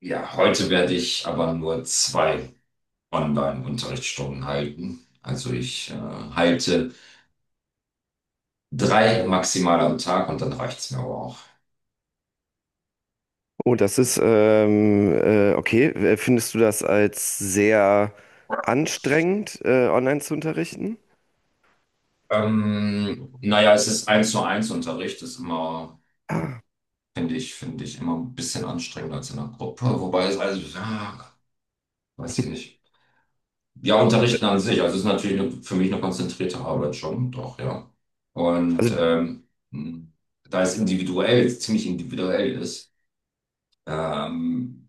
Ja, heute werde ich aber nur zwei Online-Unterrichtsstunden halten. Also ich halte drei maximal am Tag und dann reicht's mir aber auch. Oh, das ist, okay. Findest du das als sehr anstrengend, online zu unterrichten? Naja, es ist eins zu eins Unterricht, ist immer, Ah. finde ich immer ein bisschen anstrengender als in einer Gruppe. Wobei es also, ja, weiß ich nicht. Ja, Unterrichten an sich, also es ist natürlich eine, für mich eine konzentrierte Arbeit schon, doch, ja. Und Also, ähm, da es individuell, ziemlich individuell ist, ähm,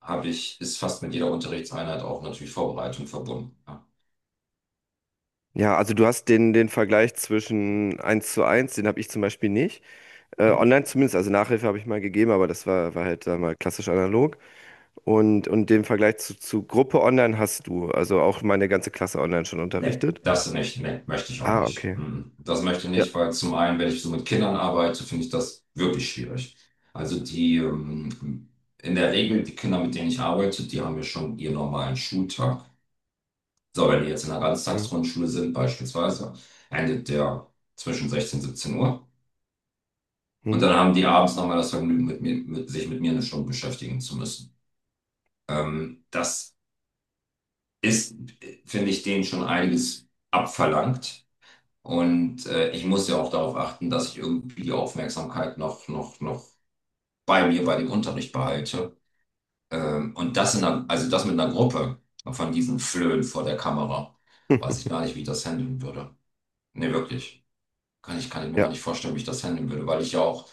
habe ich, ist fast mit jeder Unterrichtseinheit auch natürlich Vorbereitung verbunden. Ja. ja, also du hast den Vergleich zwischen eins zu eins, den habe ich zum Beispiel nicht. Hm. Online zumindest, also Nachhilfe habe ich mal gegeben, aber das war halt da mal klassisch analog. Und den Vergleich zu Gruppe online hast du, also auch meine ganze Klasse online schon Nee, unterrichtet. das nicht, nee, möchte ich auch Ah, nicht. okay. Mhm. Das möchte ich Ja. nicht, weil zum einen, wenn ich so mit Kindern arbeite, finde ich das wirklich schwierig. Also die, in der Regel, die Kinder, mit denen ich arbeite, die haben ja schon ihren normalen Schultag. So, wenn die jetzt in einer Mhm. Ganztagsgrundschule sind, beispielsweise, endet der zwischen 16 und 17 Uhr. Und Mhm. dann haben die abends nochmal das Vergnügen, mit mir, mit, sich mit mir eine Stunde beschäftigen zu müssen. Das ist, finde ich, denen schon einiges abverlangt. Und ich muss ja auch darauf achten, dass ich irgendwie die Aufmerksamkeit noch bei mir, bei dem Unterricht behalte. Und das in einer, also das mit einer Gruppe von diesen Flöhen vor der Kamera. Weiß ich gar nicht, wie ich das handeln würde. Nee, wirklich. Kann ich mir Ja, gar nicht vorstellen, wie ich das handeln würde, weil ich ja auch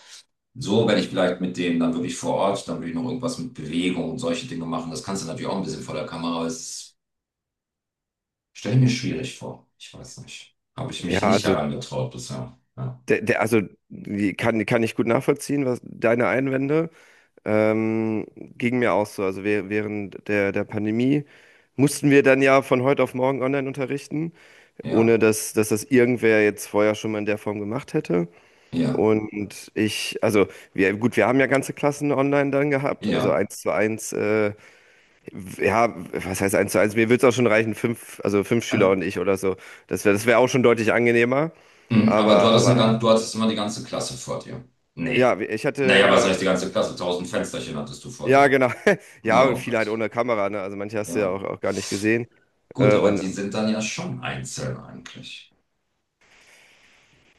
so, wenn ich vielleicht mit denen dann wirklich vor Ort, dann würde ich noch irgendwas mit Bewegung und solche Dinge machen. Das kannst du natürlich auch ein bisschen vor der Kamera, aber es ist Stelle ich mir schwierig vor. Ich weiß nicht. Habe ich ja, mich nicht also herangetraut bisher. Ja, Der, der, also die kann, kann ich gut nachvollziehen, was deine Einwände ging mir auch so. Also während der Pandemie mussten wir dann ja von heute auf morgen online unterrichten, ohne ja, dass das irgendwer jetzt vorher schon mal in der Form gemacht hätte. ja. Und ich, also wir, gut, wir haben ja ganze Klassen online dann gehabt, also Ja. eins zu eins, ja, was heißt eins zu eins? Mir würde es auch schon reichen, fünf, also fünf Schüler Äh, und ich oder so. Das wäre auch schon deutlich angenehmer. Aber du Aber, hattest, aber du hattest immer die ganze Klasse vor dir. Nee. ja, ich hatte Naja, was immer, heißt die ganze Klasse? Tausend Fensterchen hattest du vor ja, dir. genau. Ja, und Oh viele halt Gott. ohne Kamera, ne? Also manche hast du ja Ja. auch, auch gar nicht gesehen. Gut, Äh, aber die und sind dann ja schon einzeln eigentlich.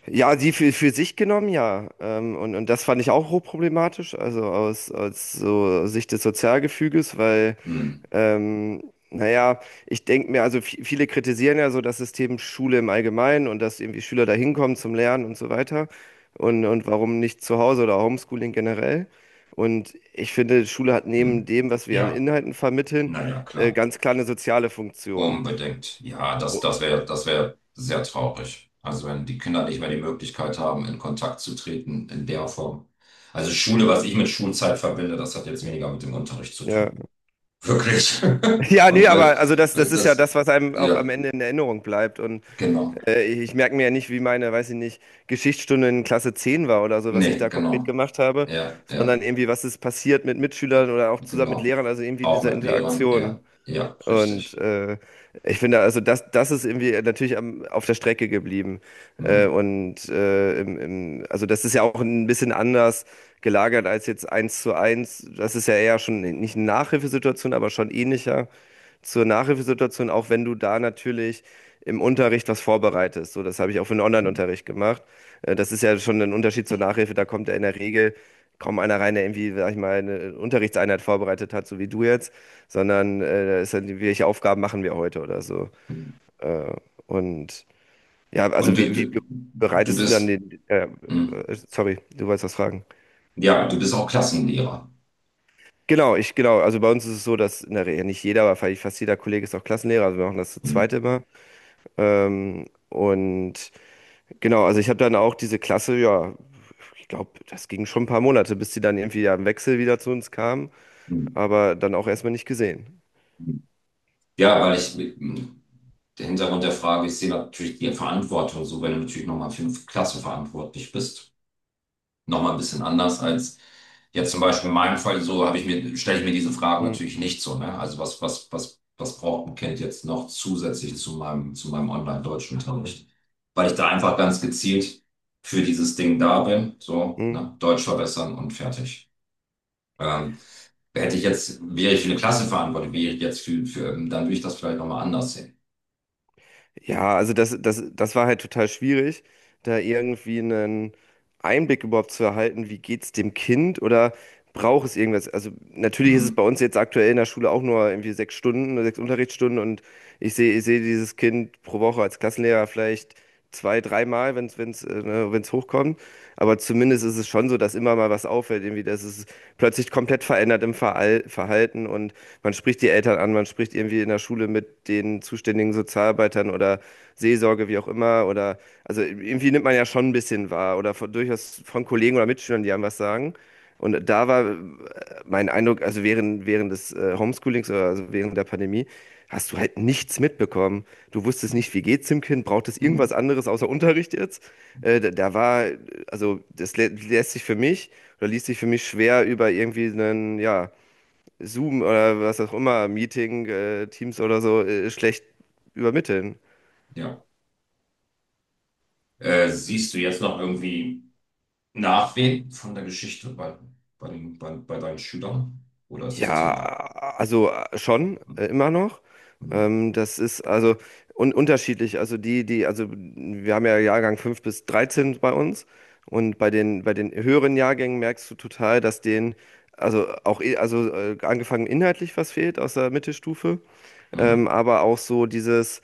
ja, die für sich genommen, ja. Und das fand ich auch hochproblematisch, also aus, aus so Sicht des Sozialgefüges, weil. Hm, Ähm, naja, ich denke mir, also viele kritisieren ja so das System Schule im Allgemeinen und dass irgendwie Schüler da hinkommen zum Lernen und so weiter. Und warum nicht zu Hause oder Homeschooling generell? Und ich finde, Schule hat neben hm. dem, was wir an Ja, Inhalten vermitteln, naja, klar. ganz klar eine soziale Funktion. Unbedingt. Ja, Oh, das wäre sehr traurig. Also wenn die Kinder nicht mehr die Möglichkeit haben, in Kontakt zu treten in der Form. Also Schule, was ich mit Schulzeit verbinde, das hat jetzt weniger mit dem Unterricht zu ja. tun. Wirklich. Ja, nee, Und weil, aber also das, das weil ist ja das, das, was einem auch am ja, Ende in Erinnerung bleibt. Genau. Ich merke mir ja nicht, wie meine, weiß ich nicht, Geschichtsstunde in Klasse 10 war oder so, was ich Nee, da konkret genau. gemacht habe, Ja, sondern ja, irgendwie, was ist passiert mit Mitschülern oder auch zusammen mit genau. Lehrern, also irgendwie Auch diese mit Lehrern, ja, Interaktion. ja, Und richtig. äh, Ich finde, also das, das ist irgendwie natürlich am, auf der Strecke geblieben. Hm. Also das ist ja auch ein bisschen anders gelagert als jetzt eins zu eins. Das ist ja eher schon nicht eine Nachhilfesituation, aber schon ähnlicher zur Nachhilfesituation, auch wenn du da natürlich im Unterricht was vorbereitest. So, das habe ich auch für den Online-Unterricht gemacht. Das ist ja schon ein Unterschied zur Nachhilfe. Da kommt ja in der Regel kaum einer rein, der irgendwie, sag ich mal, eine Unterrichtseinheit vorbereitet hat, so wie du jetzt, sondern da ist dann, welche Aufgaben machen wir heute oder so. Äh, und ja, also Und du, wie, wie du, du bereitest du dann bist, den, hm. Sorry, du wolltest was fragen. Ja, du bist auch Klassenlehrer. Genau, ich, genau. Also bei uns ist es so, dass in der Regel ja, nicht jeder, aber vielleicht fast jeder Kollege ist auch Klassenlehrer. Also wir machen das zu Hm. zweit immer. Ähm, und genau, also ich habe dann auch diese Klasse, ja, ich glaube, das ging schon ein paar Monate, bis sie dann irgendwie ja im Wechsel wieder zu uns kam, Hm. aber dann auch erstmal nicht gesehen. Hm. Ja, weil ich mit, m, der Hintergrund der Frage, ich sehe natürlich die Verantwortung, so wenn du natürlich nochmal für eine Klasse verantwortlich bist, nochmal ein bisschen anders als jetzt zum Beispiel in meinem Fall, so habe ich mir, stelle ich mir diese Fragen Hm, natürlich nicht so, ne? Also was braucht ein Kind jetzt noch zusätzlich zu meinem Online-Deutschunterricht? Weil ich da einfach ganz gezielt für dieses Ding da bin, so, hm. ne? Deutsch verbessern und fertig. Ähm, hätte ich jetzt, wäre ich für eine Klasse verantwortlich, wäre ich jetzt für, dann würde ich das vielleicht nochmal anders sehen. Ja, also das war halt total schwierig, da irgendwie einen Einblick überhaupt zu erhalten, wie geht's dem Kind oder braucht es irgendwas? Also natürlich ist es Hm, bei uns jetzt aktuell in der Schule auch nur irgendwie sechs Stunden oder sechs Unterrichtsstunden und ich sehe dieses Kind pro Woche als Klassenlehrer vielleicht zwei, dreimal, wenn es ne, wenn es hochkommt. Aber zumindest ist es schon so, dass immer mal was auffällt, irgendwie, dass es plötzlich komplett verändert im Verhalten und man spricht die Eltern an, man spricht irgendwie in der Schule mit den zuständigen Sozialarbeitern oder Seelsorge, wie auch immer, oder also irgendwie nimmt man ja schon ein bisschen wahr oder von, durchaus von Kollegen oder Mitschülern, die einem was sagen. Und da war, mein Eindruck, also während des Homeschoolings oder also während der Pandemie, hast du halt nichts mitbekommen. Du wusstest nicht, wie geht's dem Kind, braucht es irgendwas hm, anderes außer Unterricht jetzt? Äh, da, da war, äh, also das lä lässt sich für mich oder ließ sich für mich schwer über irgendwie einen, ja, Zoom oder was auch immer, Meeting, Teams oder so, schlecht übermitteln. ja. Siehst du jetzt noch irgendwie Nachwehen von der Geschichte bei, bei, den, bei, bei deinen Schülern? Oder ist das Ja, Thema also schon, hm, immer noch. hm, Das ist also un unterschiedlich. Also die, die, also wir haben ja Jahrgang 5 bis 13 bei uns. Und bei den höheren Jahrgängen merkst du total, dass denen, also auch, angefangen inhaltlich was fehlt aus der Mittelstufe, hm, aber auch so dieses,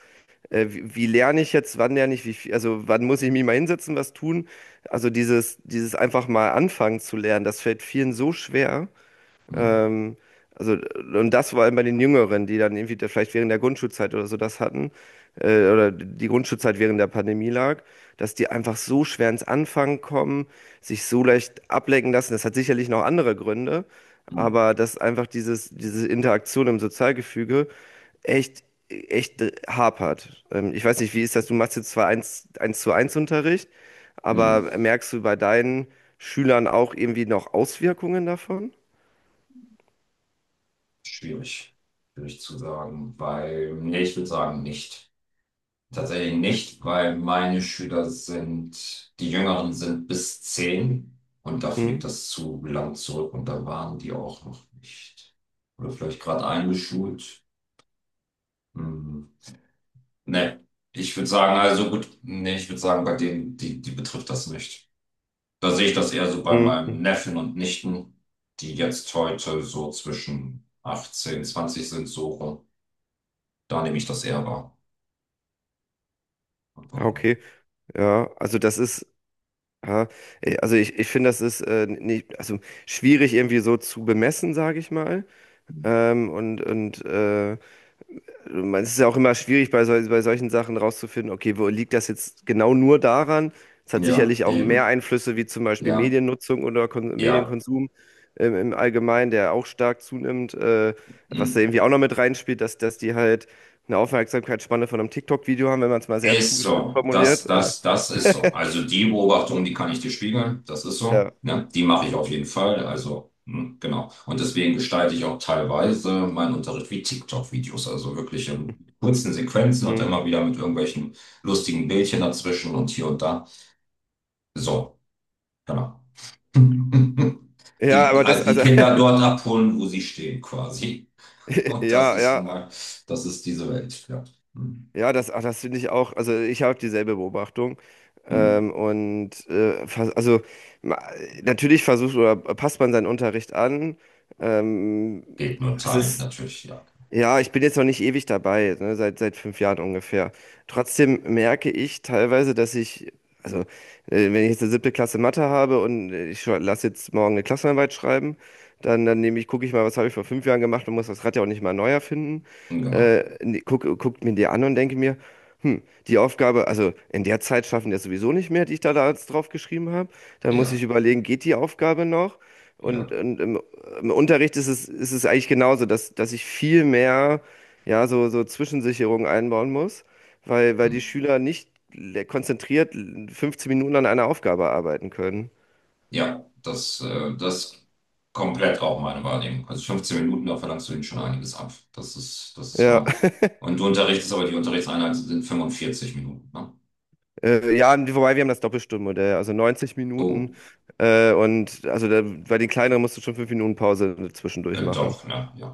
wie, wie lerne ich jetzt, wann lerne ich, wie viel, also wann muss ich mich mal hinsetzen, was tun? Also dieses, dieses einfach mal anfangen zu lernen, das fällt vielen so schwer. hm, Ähm, also, und das vor allem bei den Jüngeren, die dann irgendwie da vielleicht während der Grundschulzeit oder so das hatten, oder die Grundschulzeit während der Pandemie lag, dass die einfach so schwer ins Anfangen kommen, sich so leicht ablenken lassen. Das hat sicherlich noch andere Gründe, hm, aber dass einfach dieses, diese Interaktion im Sozialgefüge echt, echt hapert. Ich weiß nicht, wie ist das? Du machst jetzt zwar eins zu eins Unterricht, hm, hm, aber merkst du bei deinen Schülern auch irgendwie noch Auswirkungen davon? schwierig? Schwierig zu sagen, weil, nee, ich würde sagen, nicht. Tatsächlich nicht, weil meine Schüler sind, die Jüngeren sind bis 10 und dafür Hm? liegt das zu lang zurück und da waren die auch noch nicht. Oder vielleicht gerade eingeschult. Hm. Nee, ich würde sagen, also gut, nee, ich würde sagen, bei denen, die, die betrifft das nicht. Da sehe ich das eher so bei Hm, meinem hm. Neffen und Nichten, die jetzt heute so zwischen 18, 20 sind, so rum. Da nehme ich das eher wahr. Ah, Aber, okay, ja, also das ist, ja, also ich finde, das ist nicht, also schwierig irgendwie so zu bemessen, sage ich mal. Ähm, und und äh, Es ist ja auch immer schwierig bei, sol bei solchen Sachen rauszufinden, okay, wo liegt das jetzt genau nur daran? Es hat ja, sicherlich auch mehr eben. Einflüsse wie zum Beispiel Ja, Mediennutzung oder Kon ja. Medienkonsum im, im Allgemeinen, der auch stark zunimmt, was da Mm. irgendwie auch noch mit reinspielt, dass, dass die halt eine Aufmerksamkeitsspanne von einem TikTok-Video haben, wenn man es mal sehr Ist zugespitzt so, formuliert. Das ist so. Also die Beobachtung, die kann ich dir spiegeln, das ist Ja. so. Ne? Die mache ich auf jeden Fall. Also, hm, genau. Und deswegen gestalte ich auch teilweise meinen Unterricht wie TikTok-Videos. Also wirklich in kurzen Sequenzen und Hm. immer wieder mit irgendwelchen lustigen Bildchen dazwischen und hier und da. So, genau. Ja, aber das, also die also, Kinder dort abholen, wo sie stehen, quasi. Und das ja, ist ja, nun mal, das ist diese Welt. Ja. Hm, ja, das, ach, das finde ich auch, also ich habe dieselbe Beobachtung. hm. Ähm, und äh, vers- also ma- Natürlich versucht oder passt man seinen Unterricht an. Ähm, Geht nur es Teil, ist natürlich, ja. Ja, ich bin jetzt noch nicht ewig dabei, ne, seit fünf Jahren ungefähr. Trotzdem merke ich teilweise, dass ich, also äh, wenn ich jetzt eine siebte Klasse Mathe habe und lass jetzt morgen eine Klassenarbeit schreiben, dann nehme ich, gucke ich mal, was habe ich vor fünf Jahren gemacht und muss das Rad ja auch nicht mal neu erfinden. Genau. Guckt mir die an und denke mir, hm, die Aufgabe, also in der Zeit schaffen wir sowieso nicht mehr, die ich da jetzt drauf geschrieben habe. Dann muss ich Ja, überlegen, geht die Aufgabe noch? Und, ja. und im, Im Unterricht ist es eigentlich genauso, dass ich viel mehr, ja, so Zwischensicherungen einbauen muss, weil Hm. die Schüler nicht konzentriert 15 Minuten an einer Aufgabe arbeiten können. Ja, das komplett auch meine Wahrnehmung. Also 15 Minuten, da verlangst du ihnen schon einiges ab. Das ist Ja, wahr. Und du unterrichtest aber, die Unterrichtseinheiten sind 45 Minuten, ne? Ja, wobei wir haben das Doppelstundenmodell, also 90 Minuten Oh, und also da, bei den kleineren musst du schon 5 Minuten Pause zwischendurch machen. doch, ne? Ja.